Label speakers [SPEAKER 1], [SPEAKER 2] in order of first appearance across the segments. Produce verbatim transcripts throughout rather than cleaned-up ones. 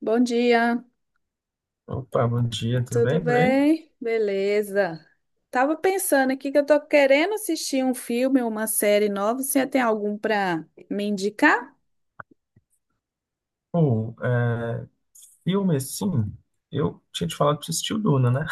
[SPEAKER 1] Bom dia,
[SPEAKER 2] Opa, bom dia, tudo
[SPEAKER 1] tudo
[SPEAKER 2] bem por aí?
[SPEAKER 1] bem? Beleza. Tava pensando aqui que eu tô querendo assistir um filme, uma série nova. Você tem algum para me indicar?
[SPEAKER 2] Pô, é, filme assim, eu tinha te falado pra você assistir o Duna, né?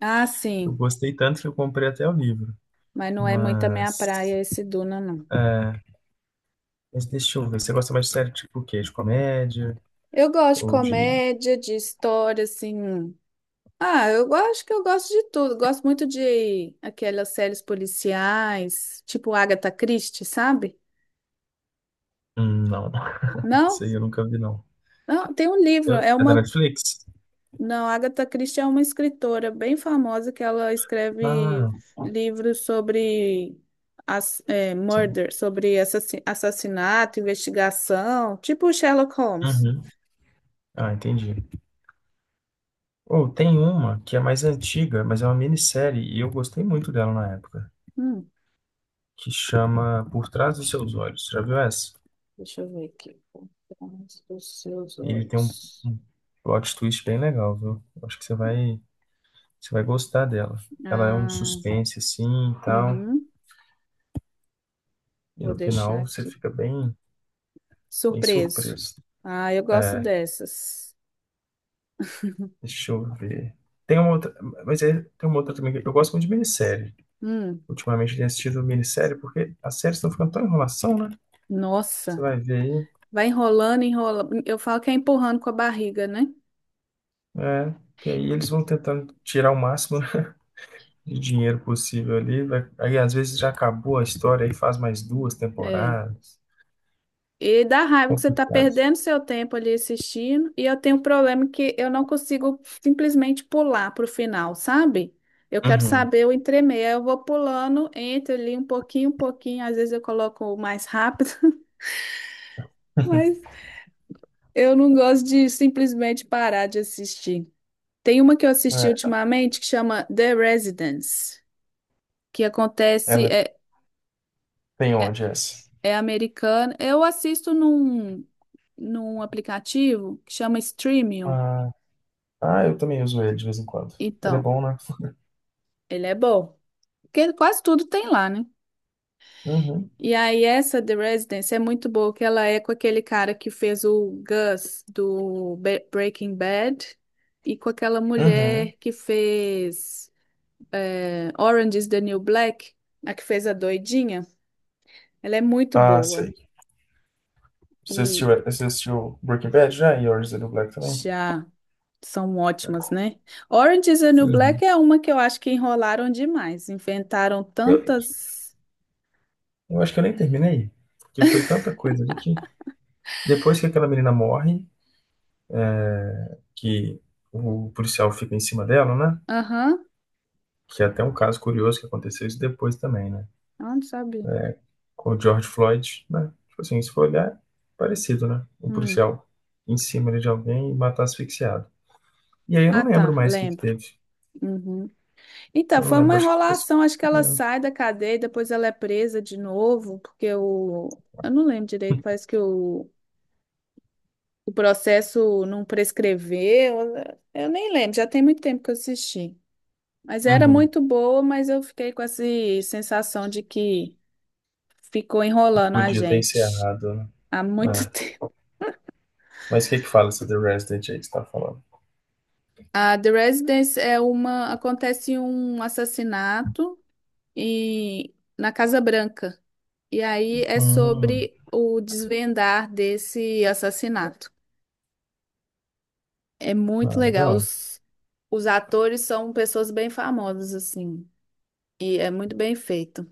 [SPEAKER 1] Ah,
[SPEAKER 2] Eu
[SPEAKER 1] sim,
[SPEAKER 2] gostei tanto que eu comprei até o livro.
[SPEAKER 1] mas não é muito a minha
[SPEAKER 2] Mas,
[SPEAKER 1] praia esse Duna, não.
[SPEAKER 2] mas deixa eu ver, você gosta mais de série tipo o quê? De comédia?
[SPEAKER 1] Eu gosto de
[SPEAKER 2] Ou de.
[SPEAKER 1] comédia, de história, assim. Ah, eu gosto que eu gosto de tudo. Gosto muito de aquelas séries policiais, tipo Agatha Christie, sabe?
[SPEAKER 2] Hum, não,
[SPEAKER 1] Não,
[SPEAKER 2] isso aí eu nunca vi, não.
[SPEAKER 1] não, tem um livro,
[SPEAKER 2] Eu-
[SPEAKER 1] é
[SPEAKER 2] É da
[SPEAKER 1] uma.
[SPEAKER 2] Netflix?
[SPEAKER 1] Não, Agatha Christie é uma escritora bem famosa que ela escreve
[SPEAKER 2] Ah,
[SPEAKER 1] livros sobre as, é,
[SPEAKER 2] sim.
[SPEAKER 1] murder, sobre assassi- assassinato, investigação, tipo Sherlock Holmes.
[SPEAKER 2] Uhum. Ah, entendi. Ou tem uma que é mais antiga, mas é uma minissérie e eu gostei muito dela na época,
[SPEAKER 1] Hum.
[SPEAKER 2] que chama Por Trás dos Seus Olhos. Já viu essa?
[SPEAKER 1] Deixa eu ver aqui. Por trás dos seus
[SPEAKER 2] Ele tem um,
[SPEAKER 1] olhos.
[SPEAKER 2] um plot twist bem legal, viu? Acho que você vai, você vai gostar dela. Ela é um
[SPEAKER 1] Ah,
[SPEAKER 2] suspense assim e tal,
[SPEAKER 1] uhum.
[SPEAKER 2] e
[SPEAKER 1] Vou
[SPEAKER 2] no
[SPEAKER 1] deixar
[SPEAKER 2] final você
[SPEAKER 1] aqui.
[SPEAKER 2] fica bem, bem
[SPEAKER 1] Surpreso.
[SPEAKER 2] surpreso.
[SPEAKER 1] Ah, eu gosto
[SPEAKER 2] É,
[SPEAKER 1] dessas.
[SPEAKER 2] deixa eu ver. Tem uma outra, mas é, tem uma outra também, que eu gosto muito de minissérie.
[SPEAKER 1] Hum,
[SPEAKER 2] Ultimamente eu tenho assistido minissérie porque as séries estão ficando tão enrolação, né? Você
[SPEAKER 1] nossa,
[SPEAKER 2] vai ver aí,
[SPEAKER 1] vai enrolando, enrola. Eu falo que é empurrando com a barriga, né?
[SPEAKER 2] é, que aí eles vão tentando tirar o máximo de dinheiro possível ali. Vai- aí às vezes já acabou a história e faz mais duas
[SPEAKER 1] É.
[SPEAKER 2] temporadas.
[SPEAKER 1] E dá raiva que você tá
[SPEAKER 2] Complicado.
[SPEAKER 1] perdendo seu tempo ali assistindo. E eu tenho um problema que eu não consigo simplesmente pular pro final, sabe? Eu quero
[SPEAKER 2] Uhum.
[SPEAKER 1] saber o entremeio. Aí eu vou pulando, entro ali um pouquinho, um pouquinho. Às vezes eu coloco o mais rápido, mas eu não gosto de simplesmente parar de assistir. Tem uma que eu assisti
[SPEAKER 2] É,
[SPEAKER 1] ultimamente que chama The Residence, que acontece,
[SPEAKER 2] ela
[SPEAKER 1] é,
[SPEAKER 2] tem
[SPEAKER 1] é,
[SPEAKER 2] onde essa?
[SPEAKER 1] é americana. Eu assisto num, num aplicativo que chama Streamio.
[SPEAKER 2] Ah, ah, eu também uso ele de vez em quando. Ele é
[SPEAKER 1] Então.
[SPEAKER 2] bom, né?
[SPEAKER 1] Ele é bom. Porque quase tudo tem lá, né?
[SPEAKER 2] Uhum.
[SPEAKER 1] E aí essa The Residence é muito boa, que ela é com aquele cara que fez o Gus do Be- Breaking Bad e com aquela
[SPEAKER 2] Uhum.
[SPEAKER 1] mulher que fez é, Orange is the New Black, a que fez a doidinha. Ela é muito
[SPEAKER 2] Ah,
[SPEAKER 1] boa.
[SPEAKER 2] sei. Você
[SPEAKER 1] E
[SPEAKER 2] assistiu, você assistiu Breaking Bad já? E Orange is the New Black também?
[SPEAKER 1] já são ótimas, né? Orange is the New
[SPEAKER 2] Uhum.
[SPEAKER 1] Black é uma que eu acho que enrolaram demais. Inventaram
[SPEAKER 2] Eu,
[SPEAKER 1] tantas...
[SPEAKER 2] eu acho que eu nem terminei. Porque foi tanta coisa ali que... Depois que aquela menina morre, que o policial fica em cima dela, né?
[SPEAKER 1] Aham.
[SPEAKER 2] Que é até um caso curioso que aconteceu isso depois também, né?
[SPEAKER 1] Ah, não sabe.
[SPEAKER 2] Com o George Floyd, né? Tipo assim, se for olhar, parecido, né? Um
[SPEAKER 1] Hum.
[SPEAKER 2] policial em cima ali de alguém e matar asfixiado. E aí eu não
[SPEAKER 1] Ah,
[SPEAKER 2] lembro
[SPEAKER 1] tá,
[SPEAKER 2] mais o que que
[SPEAKER 1] lembro.
[SPEAKER 2] teve.
[SPEAKER 1] Uhum. Então,
[SPEAKER 2] Eu não
[SPEAKER 1] foi uma
[SPEAKER 2] lembro, acho que foi isso.
[SPEAKER 1] enrolação. Acho que ela
[SPEAKER 2] Né?
[SPEAKER 1] sai da cadeia, e depois ela é presa de novo, porque o. Eu não lembro direito, parece que o, o processo não prescreveu. Eu nem lembro, já tem muito tempo que eu assisti. Mas era
[SPEAKER 2] Uhum.
[SPEAKER 1] muito boa, mas eu fiquei com essa sensação de que ficou enrolando a
[SPEAKER 2] Podia ter
[SPEAKER 1] gente
[SPEAKER 2] encerrado, né?
[SPEAKER 1] há muito
[SPEAKER 2] É.
[SPEAKER 1] tempo.
[SPEAKER 2] Mas o que que fala essa The Resident aí que você tá falando?
[SPEAKER 1] A The Residence é uma. Acontece um assassinato e na Casa Branca. E aí é
[SPEAKER 2] Hum,
[SPEAKER 1] sobre o desvendar desse assassinato. É muito
[SPEAKER 2] ah,
[SPEAKER 1] legal.
[SPEAKER 2] legal.
[SPEAKER 1] Os, os atores são pessoas bem famosas, assim. E é muito bem feito.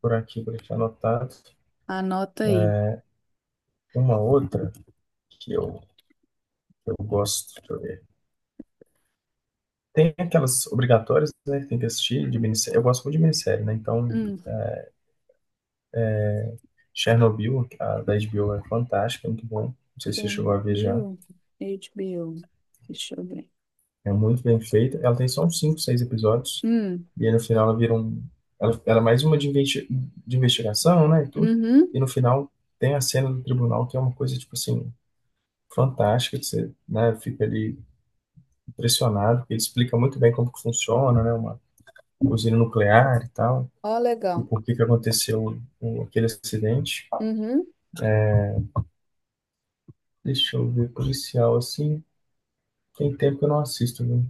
[SPEAKER 2] Por aqui, por aqui anotado.
[SPEAKER 1] Anota aí.
[SPEAKER 2] É, uma outra que eu, eu gosto, deixa eu ver. Tem aquelas obrigatórias, né, que tem que assistir de minissérie. Eu gosto muito de minissérie, né? Então,
[SPEAKER 1] Hum.
[SPEAKER 2] Chernobyl, a da HBO, é fantástica, é muito bom. Não sei se você chegou a ver já.
[SPEAKER 1] Chernobyl, HBO. Deixa eu ver.
[SPEAKER 2] É muito bem feita. Ela tem só uns cinco, seis episódios.
[SPEAKER 1] Hum.
[SPEAKER 2] E aí no final ela vira um. Ela, ela é mais uma de, investi- de investigação, né? E tudo.
[SPEAKER 1] Uhum.
[SPEAKER 2] E no final tem a cena do tribunal, que é uma coisa, tipo assim, fantástica. Que você, né, fica ali impressionado, porque ele explica muito bem como que funciona, né? Uma usina nuclear e tal.
[SPEAKER 1] Ó,
[SPEAKER 2] E
[SPEAKER 1] legal.
[SPEAKER 2] por que que aconteceu o- aquele acidente.
[SPEAKER 1] Uhum.
[SPEAKER 2] Deixa eu ver, policial, assim. Tem tempo que eu não assisto, viu?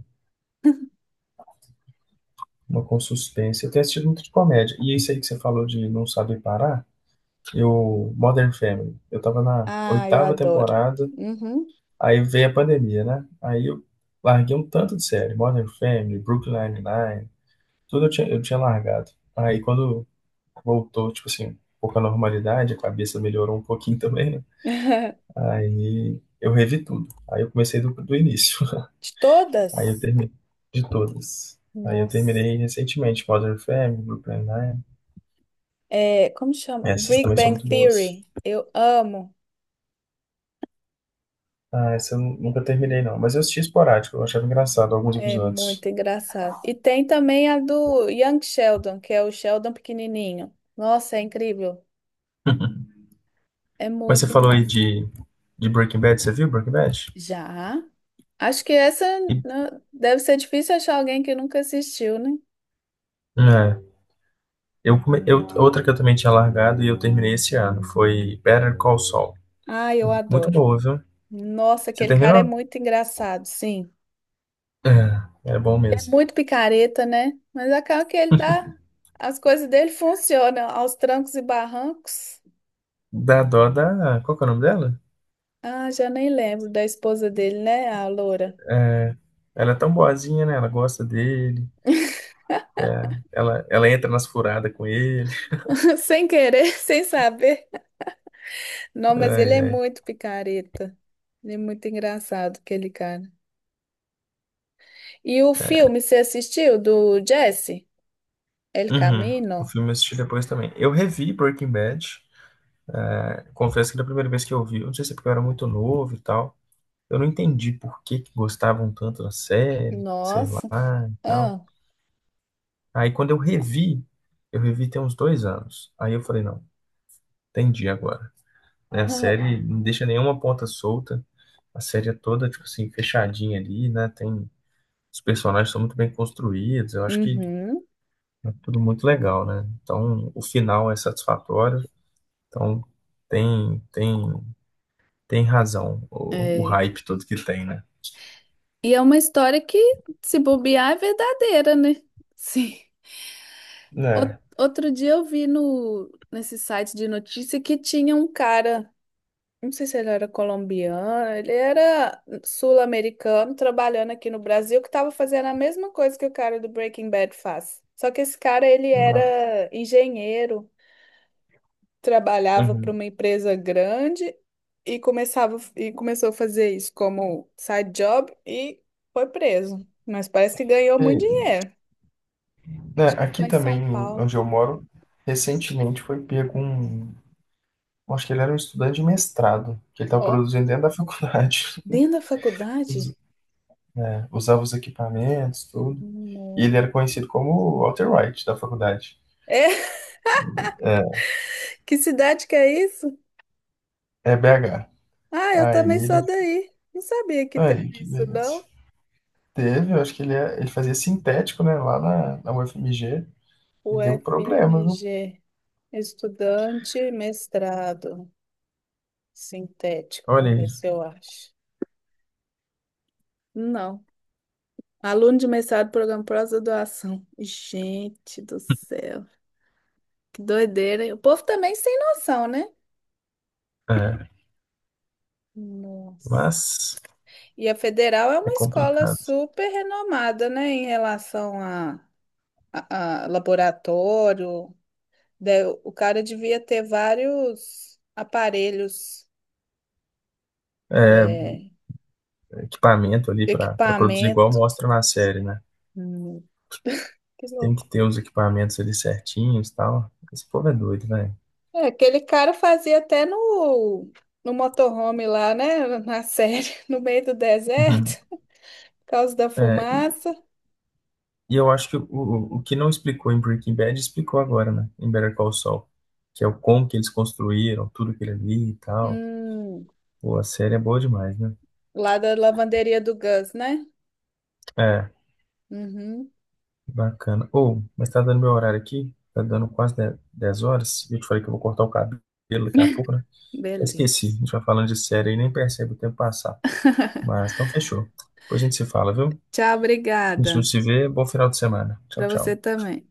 [SPEAKER 2] Uma com suspense. Eu tenho assistido muito de comédia. E isso aí que você falou de não saber parar, eu, Modern Family. Eu tava na
[SPEAKER 1] Ah, eu
[SPEAKER 2] oitava
[SPEAKER 1] adoro.
[SPEAKER 2] temporada,
[SPEAKER 1] Uhum.
[SPEAKER 2] aí veio a pandemia, né? Aí eu larguei um tanto de série. Modern Family, Brooklyn Nine-Nine, tudo eu tinha, eu tinha largado. Aí quando voltou, tipo assim, um pouco a normalidade, a cabeça melhorou um pouquinho também, né? Aí eu revi tudo. Aí eu comecei do, do início.
[SPEAKER 1] De
[SPEAKER 2] Aí eu
[SPEAKER 1] todas?
[SPEAKER 2] terminei de todas. Aí eu
[SPEAKER 1] Nossa.
[SPEAKER 2] terminei recentemente, Modern Family, Brooklyn Nine.
[SPEAKER 1] É, como chama?
[SPEAKER 2] Essas
[SPEAKER 1] Big
[SPEAKER 2] também são
[SPEAKER 1] Bang
[SPEAKER 2] muito boas.
[SPEAKER 1] Theory. Eu amo.
[SPEAKER 2] Ah, essa eu nunca terminei, não. Mas eu assisti esporádico, eu achava engraçado alguns
[SPEAKER 1] É muito
[SPEAKER 2] episódios.
[SPEAKER 1] engraçado. E tem também a do Young Sheldon, que é o Sheldon pequenininho. Nossa, é incrível. É
[SPEAKER 2] Mas você
[SPEAKER 1] muito
[SPEAKER 2] falou aí
[SPEAKER 1] engraçado.
[SPEAKER 2] de, de Breaking Bad, você viu Breaking Bad?
[SPEAKER 1] Já? Acho que essa
[SPEAKER 2] E-
[SPEAKER 1] né, deve ser difícil achar alguém que nunca assistiu, né?
[SPEAKER 2] é, eu, come- eu, outra que eu também tinha largado e eu terminei esse ano foi Better Call Saul.
[SPEAKER 1] Ah, eu
[SPEAKER 2] Muito
[SPEAKER 1] adoro.
[SPEAKER 2] boa, viu?
[SPEAKER 1] Nossa,
[SPEAKER 2] Você
[SPEAKER 1] aquele cara é
[SPEAKER 2] terminou?
[SPEAKER 1] muito engraçado, sim.
[SPEAKER 2] É, é bom
[SPEAKER 1] Ele é
[SPEAKER 2] mesmo.
[SPEAKER 1] muito picareta, né? Mas acaba que ele dá. As coisas dele funcionam aos trancos e barrancos.
[SPEAKER 2] Dá dó da. Qual que é o nome dela?
[SPEAKER 1] Ah, já nem lembro da esposa dele, né? A loura.
[SPEAKER 2] Ela é tão boazinha, né? Ela gosta dele. Ela, ela entra nas furadas com ele.
[SPEAKER 1] Sem querer, sem saber. Não, mas
[SPEAKER 2] Ai,
[SPEAKER 1] ele é
[SPEAKER 2] ai.
[SPEAKER 1] muito picareta. Ele é muito engraçado, aquele cara. E o filme, você assistiu do Jesse? El
[SPEAKER 2] Uhum. O
[SPEAKER 1] Camino?
[SPEAKER 2] filme eu assisti depois também. Eu revi Breaking Bad. É, confesso que da primeira vez que eu vi, eu não sei se é porque eu era muito novo e tal. Eu não entendi por que que gostavam tanto da série, sei lá
[SPEAKER 1] Nossa.
[SPEAKER 2] e tal.
[SPEAKER 1] Ah.
[SPEAKER 2] Aí quando eu revi, eu revi tem uns dois anos. Aí eu falei, não, entendi agora. Né, a série não deixa nenhuma ponta solta. A série é toda, tipo assim, fechadinha ali, né? Tem, os personagens são muito bem construídos. Eu acho que
[SPEAKER 1] Uhum.
[SPEAKER 2] é tudo muito legal, né? Então, o final é satisfatório. Então tem, tem, tem razão o, o
[SPEAKER 1] É.
[SPEAKER 2] hype todo que tem, né?
[SPEAKER 1] E é uma história que, se bobear, é verdadeira, né? Sim. Ou-
[SPEAKER 2] Né?
[SPEAKER 1] Outro dia eu vi no, nesse site de notícia que tinha um cara. Não sei se ele era colombiano, ele era sul-americano trabalhando aqui no Brasil, que estava fazendo a mesma coisa que o cara do Breaking Bad faz. Só que esse cara, ele
[SPEAKER 2] Uma-
[SPEAKER 1] era engenheiro, trabalhava para
[SPEAKER 2] Uhum.
[SPEAKER 1] uma empresa grande e começava e começou a fazer isso como side job e foi preso. Mas parece que ganhou
[SPEAKER 2] E,
[SPEAKER 1] muito dinheiro.
[SPEAKER 2] né, aqui
[SPEAKER 1] Foi em São
[SPEAKER 2] também,
[SPEAKER 1] Paulo.
[SPEAKER 2] onde eu moro, recentemente foi pego um. Acho que ele era um estudante de mestrado, que ele estava
[SPEAKER 1] Ó,
[SPEAKER 2] produzindo dentro da faculdade.
[SPEAKER 1] dentro da
[SPEAKER 2] Us-
[SPEAKER 1] faculdade?
[SPEAKER 2] né, usava os equipamentos, tudo. E
[SPEAKER 1] Não.
[SPEAKER 2] ele era conhecido como Walter White da faculdade.
[SPEAKER 1] É, que cidade que é isso?
[SPEAKER 2] É B H.
[SPEAKER 1] Ah, eu
[SPEAKER 2] Aí
[SPEAKER 1] também
[SPEAKER 2] ele.
[SPEAKER 1] sou daí. Não sabia que
[SPEAKER 2] Aí,
[SPEAKER 1] teve
[SPEAKER 2] que
[SPEAKER 1] isso,
[SPEAKER 2] beleza.
[SPEAKER 1] não.
[SPEAKER 2] Teve, eu acho que ele, é- ele fazia sintético, né, lá na, na U F M G. E
[SPEAKER 1] O
[SPEAKER 2] deu problema, viu?
[SPEAKER 1] F M G, estudante mestrado sintético.
[SPEAKER 2] Olha
[SPEAKER 1] Vamos
[SPEAKER 2] aí.
[SPEAKER 1] ver se eu acho. Não. Aluno de mestrado, programa pós-graduação. Gente do céu, que doideira, hein? O povo também sem noção, né?
[SPEAKER 2] É,
[SPEAKER 1] Nossa.
[SPEAKER 2] mas
[SPEAKER 1] E a Federal é
[SPEAKER 2] é
[SPEAKER 1] uma escola
[SPEAKER 2] complicado.
[SPEAKER 1] super renomada, né, em relação a, a, a laboratório. Daí o o cara devia ter vários aparelhos, é,
[SPEAKER 2] Equipamento ali para produzir igual
[SPEAKER 1] equipamento.
[SPEAKER 2] mostra na série, né?
[SPEAKER 1] Hum, que
[SPEAKER 2] Você tem que
[SPEAKER 1] louco.
[SPEAKER 2] ter os equipamentos ali certinhos e tal. Esse povo é doido, velho.
[SPEAKER 1] É, aquele cara fazia até no, no motorhome lá, né? Na série, no meio do
[SPEAKER 2] Uhum.
[SPEAKER 1] deserto, por causa da
[SPEAKER 2] É, e,
[SPEAKER 1] fumaça.
[SPEAKER 2] e eu acho que o, o o que não explicou em Breaking Bad explicou agora, né? Em Better Call Saul, que é o como que eles construíram, tudo que ele ali e tal.
[SPEAKER 1] Hum,
[SPEAKER 2] Pô, a série é boa demais, né?
[SPEAKER 1] lá da lavanderia do Gus, né?
[SPEAKER 2] É,
[SPEAKER 1] Uhum,
[SPEAKER 2] bacana. Ou, mas tá dando meu horário aqui, tá dando quase dez horas. E eu te falei que eu vou cortar o cabelo daqui a pouco, né? Esqueci, a
[SPEAKER 1] beleza.
[SPEAKER 2] gente vai falando de série e nem percebe o tempo passar. Mas então fechou. Depois a gente se fala, viu?
[SPEAKER 1] Tchau,
[SPEAKER 2] Se a
[SPEAKER 1] obrigada.
[SPEAKER 2] gente não se vê, bom final de semana. Tchau,
[SPEAKER 1] Para você
[SPEAKER 2] tchau.
[SPEAKER 1] também.